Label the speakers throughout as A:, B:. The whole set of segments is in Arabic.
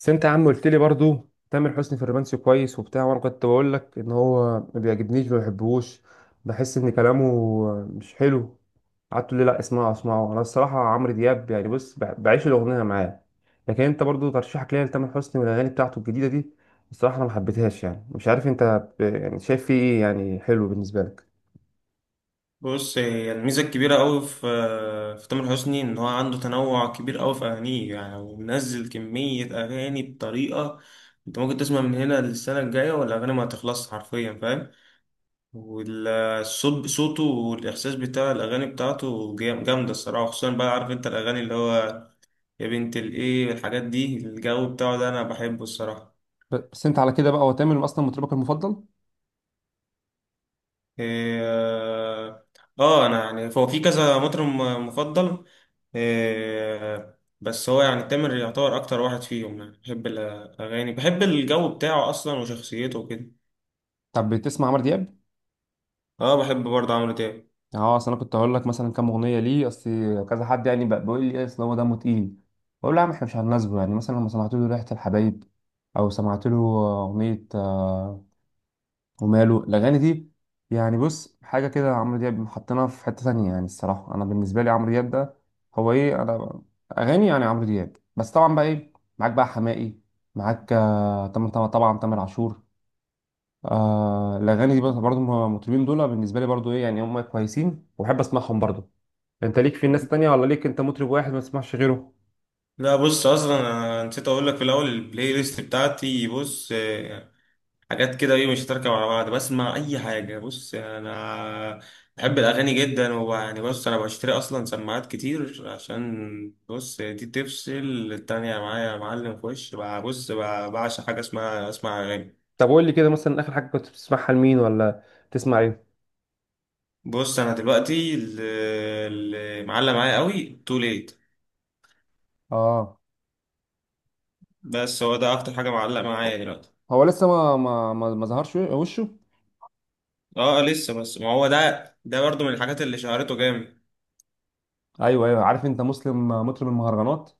A: بس انت يا عم قلت لي برضو تامر حسني في الرومانسي كويس وبتاع، وانا كنت بقول لك ان هو ما بيعجبنيش ما بحبهوش. بحس ان كلامه مش حلو. قعدت تقول لي لا اسمعه اسمعه. انا الصراحه عمرو دياب يعني بص بعيش الاغنيه معاه. لكن انت برضو ترشيحك ليا لتامر حسني والاغاني بتاعته الجديده دي، الصراحه انا ما حبيتهاش. يعني مش عارف انت يعني شايف فيه ايه يعني حلو بالنسبه لك؟
B: بص هي الميزة الكبيرة أوي في تامر حسني، إن هو عنده تنوع كبير أوي في أغانيه، يعني ومنزل كمية أغاني بطريقة. أنت ممكن تسمع من هنا للسنة الجاية والأغاني ما هتخلص حرفيا، فاهم؟ والصوت صوته، والإحساس بتاع الأغاني بتاعته جامدة الصراحة. خصوصا بقى عارف أنت الأغاني اللي هو، يا بنت الإيه، الحاجات دي، الجو بتاعه ده أنا بحبه الصراحة.
A: بس انت على كده بقى هو تامر اصلا مطربك المفضل؟
B: إيه، اه. انا يعني هو في كذا مطرب مفضل. بس هو يعني تامر يعتبر اكتر واحد فيهم، يعني بحب الاغاني، بحب الجو بتاعه اصلا وشخصيته وكده.
A: طب بتسمع عمرو دياب؟
B: اه، بحب برضه عمرو دياب.
A: اه، اصل انا كنت هقول لك مثلا كام اغنيه ليه. اصل كذا حد يعني بقى بيقول لي إيه، اصل هو دمه تقيل. بقول له يا عم احنا مش هنناسبه. يعني مثلا لما سمعت له ريحه الحبايب او سمعت له اغنيه آه، وماله الاغاني دي؟ يعني بص حاجه كده، عمرو دياب حطينا في حته تانية. يعني الصراحه انا بالنسبه لي عمرو دياب ده هو ايه، انا اغاني يعني عمرو دياب بس. طبعا بقى ايه معاك بقى حماقي، معاك آه، طبعا طبعا طبعاً تامر عاشور آه. الاغاني دي برضه المطربين دول بالنسبه لي برضه ايه، يعني هم كويسين وبحب اسمعهم برضه. انت ليك في ناس تانية ولا ليك انت مطرب واحد ما تسمعش غيره؟
B: لا بص، اصلا انا نسيت اقول لك في الاول، البلاي ليست بتاعتي بص حاجات كده، ايه مش تركب على بعض، بسمع اي حاجه. بص انا بحب الاغاني جدا، ويعني بص انا بشتري اصلا سماعات كتير، عشان بص دي تفصل التانية معايا يا معلم في وش بعشق حاجه اسمها اسمع اغاني.
A: طب قول لي كده مثلا اخر حاجة كنت بتسمعها لمين، ولا تسمع ايه؟
B: بص انا دلوقتي اللي معلق معايا قوي تو ليت.
A: اه.
B: بس هو ده اكتر حاجه معلق معايا دلوقتي.
A: هو لسه ما ظهرش وشه.
B: اه لسه، بس ما هو ده برضو من الحاجات اللي شهرته جامد.
A: ايوه ايوه، عارف انت مسلم مطرب المهرجانات.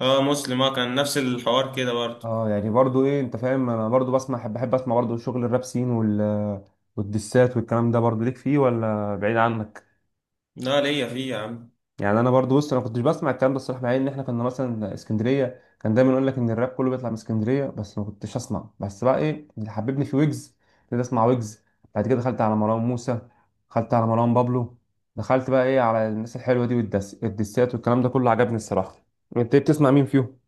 B: اه مسلم، اه، كان نفس الحوار كده برضو.
A: اه، يعني برضو ايه، انت فاهم انا برضو بسمع، بحب اسمع برضو شغل الراب سين وال والدسات والكلام ده، برضو ليك فيه ولا بعيد عنك؟
B: لا ليا فيه يا عم.
A: يعني انا برضو بص انا كنتش بسمع الكلام ده الصراحه، مع ان احنا كنا مثلا اسكندريه، كان دايما يقول لك ان الراب كله بيطلع من اسكندريه، بس ما كنتش اسمع. بس بقى ايه اللي حببني في ويجز، ابتديت اسمع ويجز. بعد كده دخلت على مروان موسى، دخلت على مروان بابلو، دخلت بقى ايه على الناس الحلوه دي، والدس الدسات والكلام ده كله عجبني الصراحه. انت إيه بتسمع مين فيهم؟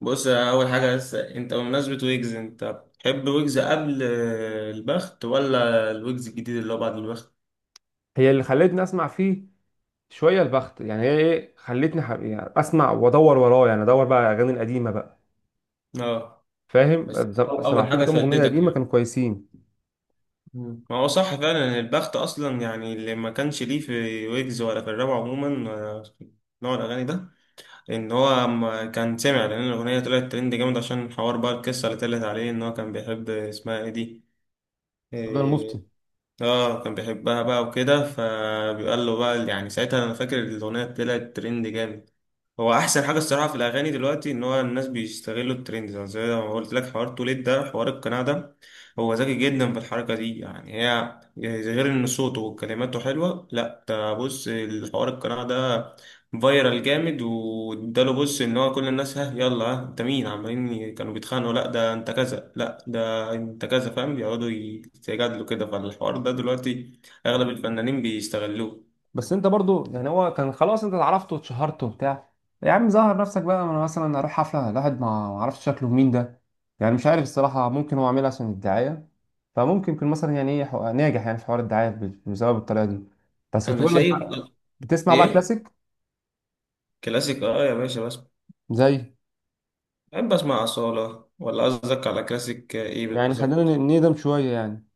B: بص، اول حاجه، بس انت بمناسبه ويجز، انت بتحب ويجز قبل البخت، ولا الويجز الجديد اللي هو بعد البخت؟
A: هي اللي خلتني اسمع فيه. شويه البخت يعني هي ايه خلتني يعني اسمع وادور وراه، يعني ادور بقى على الاغاني القديمه بقى.
B: اه، بس
A: فاهم.
B: اول
A: سمعت له
B: حاجه
A: كام اغنيه
B: شدتك
A: قديمه
B: يعني.
A: كانوا كويسين.
B: ما هو صح، فعلا البخت اصلا يعني اللي ما كانش ليه في ويجز ولا في الراب عموما، في نوع الاغاني ده، ان هو ما كان سمع لان الاغنيه طلعت ترند جامد عشان حوار بقى، القصه اللي طلعت عليه ان هو كان بيحب اسمها ايه دي
A: ده المفتي.
B: آه، اه كان بيحبها بقى وكده، فبيقال له بقى، يعني ساعتها انا فاكر الاغنيه طلعت ترند جامد. هو احسن حاجه الصراحه في الاغاني دلوقتي ان هو الناس بيستغلوا الترند، زي ما قلت لك حوار توليد ده، حوار القناع ده. هو ذكي جدا في الحركه دي، يعني هي يعني غير ان صوته وكلماته حلوه، لا ده بص الحوار القناع ده فايرال جامد، واداله بص ان هو كل الناس، ها يلا، ها انت مين، عمالين كانوا بيتخانقوا، لا ده انت كذا، لا ده انت كذا، فاهم، بيقعدوا يتجادلوا كده، فالحوار ده دلوقتي اغلب الفنانين بيستغلوه.
A: بس انت برضو، يعني هو كان خلاص انت اتعرفت واتشهرت وبتاع، يا عم ظهر نفسك بقى. ما انا مثلا اروح حفله الواحد ما اعرفش شكله مين ده. يعني مش عارف الصراحه، ممكن هو عاملها عشان الدعايه. فممكن يكون مثلا يعني ايه ناجح يعني في حوار الدعايه بسبب الطريقه دي. بس كنت
B: انا
A: بقول لك
B: شايف.
A: بقى، بتسمع بقى
B: ايه،
A: كلاسيك
B: كلاسيك اه يا باشا، بس
A: زي؟
B: بحب اسمع أصالة، ولا قصدك على كلاسيك ايه
A: يعني خلينا
B: بالظبط؟
A: نقدم شويه يعني.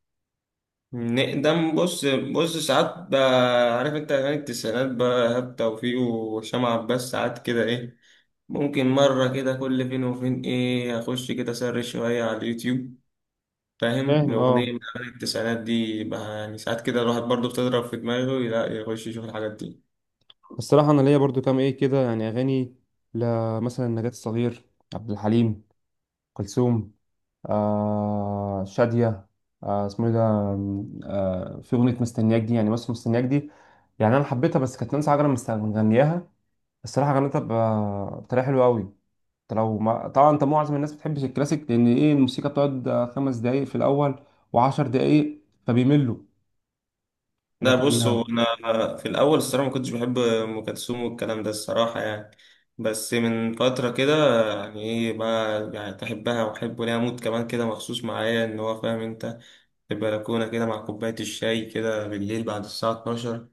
B: نقدم؟ بص ساعات بقى، عارف انت اغاني التسعينات بقى، إيهاب توفيق وهشام عباس، ساعات كده ايه، ممكن مرة كده كل فين وفين ايه، اخش كده اسرش شوية على اليوتيوب، فاهم؟
A: فاهم
B: الأغنية
A: اه.
B: من أغاني التسعينات دي بقى، يعني ساعات كده الواحد برضه بتضرب في دماغه، لا يخش يشوف الحاجات دي.
A: الصراحه انا ليا برضو كام ايه كده يعني اغاني ل، مثلا نجاة الصغير، عبد الحليم، كلثوم، آه شادية، آه اسمه ايه ده، آه في أغنية مستنياك دي. يعني بس مستنياك دي يعني أنا حبيتها بس كانت نانسي عجرم مغنياها. الصراحة غنتها بطريقة حلوة أوي. أنت لو ما... طبعا أنت معظم الناس بتحبش الكلاسيك لأن إيه الموسيقى بتقعد آه، خمس دقايق في الأول وعشر دقايق فبيملوا.
B: لا
A: لكن
B: بص، هو
A: آه،
B: انا في الاول الصراحه ما كنتش بحب ام كلثوم والكلام ده الصراحه يعني، بس من فتره كده يعني ايه بقى، يعني تحبها، واحب ليها مود كمان كده مخصوص معايا ان هو، فاهم انت، في البلكونه كده مع كوبايه الشاي كده بالليل بعد الساعه 12،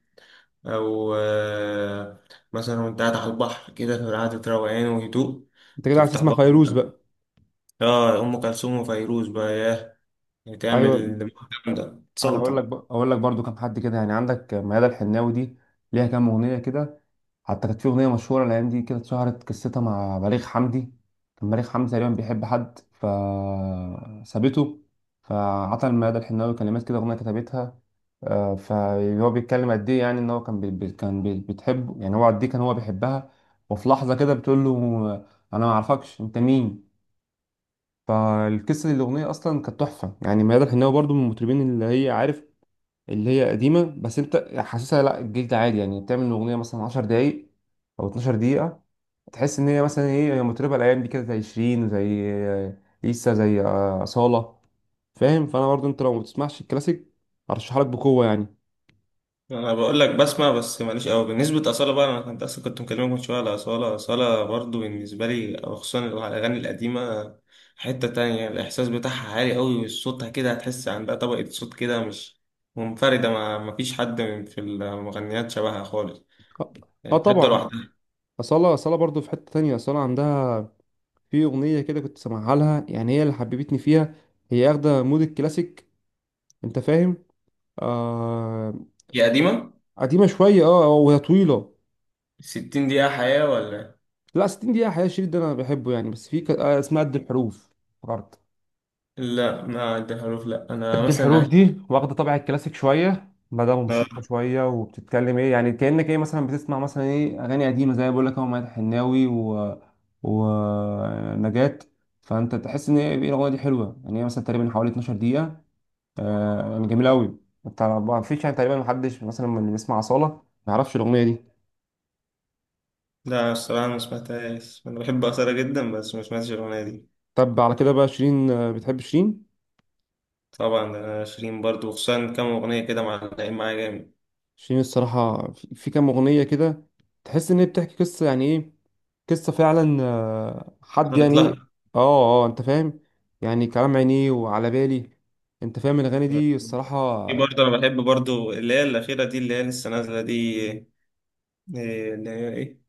B: او مثلا وانت قاعد على البحر كده في قعده روقان وهدوء،
A: أنت كده عايز
B: تفتح
A: تسمع
B: بقى.
A: فيروز بقى؟
B: اه، ام كلثوم وفيروز بقى ياه، بتعمل
A: أيوه.
B: المحكم ده،
A: أنا أقول لك
B: تسلطن.
A: بقى، أقول لك برضو كام حد كده، يعني عندك ميادة الحناوي دي ليها كام أغنية كده. حتى كانت في أغنية مشهورة الأيام دي كده، اتشهرت قصتها مع بليغ حمدي. كان بليغ حمدي تقريبا بيحب حد فسابته، فعطى المدى الحناوي كلمات كده أغنية كتبتها آه، فهو بيتكلم قد إيه، يعني إن هو كان بي بتحبه، يعني هو قد إيه كان هو بيحبها. وفي لحظة كده بتقول له أنا ما أعرفكش أنت مين. فالقصة دي الأغنية أصلا كانت تحفة. يعني ميادة الحناوي برضو من المطربين اللي هي عارف اللي هي قديمة، بس انت حاسسها لا الجلد عادي. يعني بتعمل اغنية مثلا 10 دقايق او 12 دقيقة، تحس ان هي مثلا ايه، هي مطربة الايام دي كده زي شيرين، زي لسه زي آه، أصالة. فاهم؟ فانا برضو انت لو ما بتسمعش الكلاسيك ارشح لك بقوة يعني.
B: انا بقول لك بسمع، بس ماليش قوي بالنسبه اصاله بقى، انا كنت اصلا كنت مكلمك من شويه على اصاله برضو، بالنسبه لي أو خصوصا الاغاني القديمه، حته تانية، الاحساس بتاعها عالي قوي، وصوتها كده هتحس عندها طبقه صوت كده مش منفرده، ما فيش حد من في المغنيات شبهها خالص،
A: اه آه
B: يعني حته
A: طبعا.
B: لوحدها.
A: أصالة أصالة برضو في حتة تانية. أصالة عندها في أغنية كده كنت سامعها لها، يعني هي اللي حببتني فيها. هي اخدة مود الكلاسيك، انت فاهم. آه.
B: هي قديمه،
A: قديمة شوية اه، وهي طويلة.
B: 60 دقيقه حياه ولا؟
A: لا 60 دقيقة حقيقة، الشريط ده أنا بحبه يعني. بس في آه، اسمها قد الحروف، افتكرت.
B: لا، ما عندها حروف. لا، انا
A: قد
B: مثلا
A: الحروف
B: عايش،
A: دي واخدة طابع الكلاسيك شوية، مدام
B: لا.
A: موسيقى شوية، وبتتكلم إيه يعني، كأنك إيه مثلا بتسمع مثلا إيه أغاني قديمة زي ما بقول لك أهو مدحت الحناوي و... ونجاة. فأنت تحس إن إيه، إيه الأغنية دي حلوة. يعني هي مثلا تقريبا حوالي 12 دقيقة آه، يعني جميلة أوي. أنت ما فيش يعني تقريبا محدش مثلا من اللي بيسمع أصالة ما يعرفش الأغنية دي.
B: لا، الصراحه ما سمعتهاش، انا بحب اصاله جدا بس ما سمعتش الاغنيه دي.
A: طب على كده بقى شيرين، آه، بتحب شيرين؟
B: طبعا، ده أنا شيرين برضو، وخصوصا كام أغنية كده معلقين معايا جامد.
A: شيرين الصراحة في كام أغنية كده تحس إن هي بتحكي قصة، يعني إيه قصة فعلا آه، حد
B: صارت
A: يعني إيه
B: لها.
A: آه آه أنت فاهم. يعني كلام عينيه وعلى بالي، أنت فاهم الأغاني دي الصراحة
B: في
A: آه.
B: برضه، أنا بحب برضو اللي هي الأخيرة دي، اللي هي لسه نازلة دي، إيه اللي هي إيه،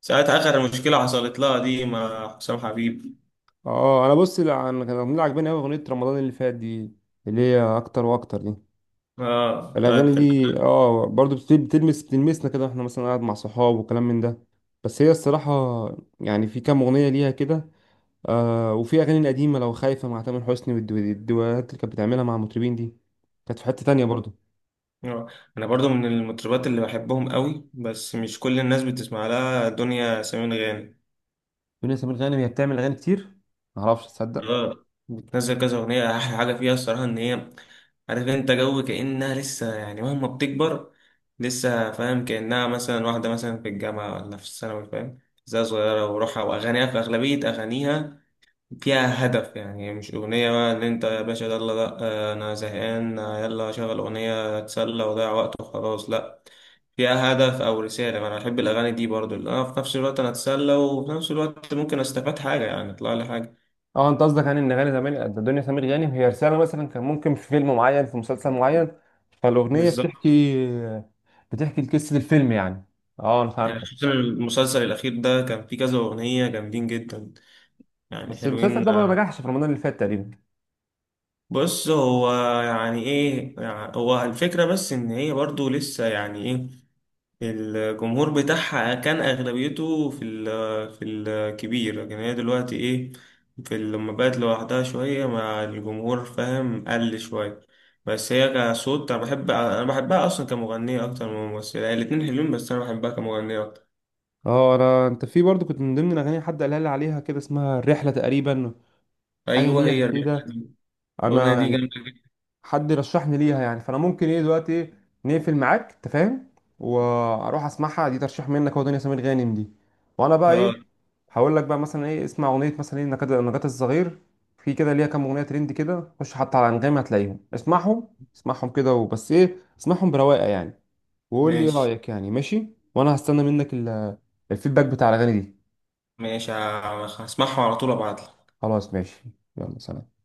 B: ساعة آخر مشكلة حصلت لها دي مع حسام حبيب،
A: آه، أنا بص لا، أنا كان الأغنية اللي عجباني أوي أغنية رمضان اللي فات دي، اللي هي أكتر وأكتر دي.
B: آه
A: الأغاني
B: بتاعت
A: دي آه برضو بتلمس بتلمسنا كده إحنا مثلا قاعد مع صحاب وكلام من ده. بس هي الصراحة يعني في كام أغنية ليها كده آه. وفي اغاني القديمه لو خايفه مع تامر حسني والدوات اللي كانت بتعملها مع المطربين دي، كانت في حته تانية برضه.
B: آه. أنا برضو من المطربات اللي بحبهم قوي، بس مش كل الناس بتسمع لها، دنيا سمير غانم.
A: دنيا سمير غانم هي بتعمل اغاني كتير معرفش تصدق.
B: اه بتنزل كذا اغنيه، احلى حاجه فيها الصراحه ان هي، عارف انت، جو كانها لسه يعني مهما بتكبر لسه، فاهم، كانها مثلا واحده مثلا في الجامعه ولا في الثانوي، فاهم، زي صغيره وروحها، واغانيها في اغلبيه اغانيها فيها هدف، يعني مش اغنيه بقى اللي انت يا باشا، يلا لا آه، انا زهقان آه، يلا شغل اغنيه اتسلى وضيع وقت وخلاص. لا، فيها هدف او رساله، انا بحب الاغاني دي برضو، اللي انا في نفس الوقت انا اتسلى، وفي نفس الوقت ممكن استفاد حاجه، يعني اطلع لي حاجه.
A: اه انت قصدك يعني ان اغاني زمان دنيا سمير غانم هي رساله، مثلا كان ممكن في فيلم معين في مسلسل معين، فالاغنيه
B: بالظبط.
A: بتحكي، بتحكي قصه الفيلم يعني. اه انا
B: يعني
A: فهمتك.
B: خصوصا المسلسل الأخير ده كان فيه كذا أغنية جامدين جدا، يعني
A: بس المسلسل
B: حلوين
A: ده ما
B: آه،
A: نجحش في رمضان اللي فات تقريبا.
B: بص هو، يعني إيه، يعني هو الفكرة بس إن هي برضو لسه يعني إيه، الجمهور بتاعها كان أغلبيته في الكبير، لكن هي دلوقتي إيه، في لما بقت لوحدها شوية مع الجمهور، فاهم، قل شوية، بس هي كصوت أنا بحبها أصلا كمغنية أكتر من ممثلة، الاتنين حلوين بس أنا بحبها كمغنية أكتر.
A: اه، انا انت في برضه كنت من ضمن الاغاني حد قالها لي عليها كده، اسمها الرحله تقريبا، حاجه
B: أيوه،
A: ليها
B: هي الرحلة
A: كده.
B: دي، الأغنية دي
A: انا
B: جامدة.
A: حد رشحني ليها يعني، فانا ممكن ايه دلوقتي إيه نقفل معاك، انت فاهم، واروح اسمعها. دي ترشيح منك هو دنيا سمير غانم دي. وانا بقى ايه
B: اه
A: هقول لك بقى مثلا ايه اسمع اغنيه مثلا ايه نجاة الصغير، في كده ليها كام اغنيه ترند كده، خش حتى على انغامي هتلاقيهم، اسمعهم، اسمعهم كده وبس، ايه اسمعهم برواقه يعني. وقول لي ايه
B: ماشي،
A: رايك، يعني ماشي؟ وانا هستنى منك الفيدباك بتاع الاغاني دي.
B: ماشي، هسمعها على طول ابعتلك.
A: خلاص ماشي. يلا سلام.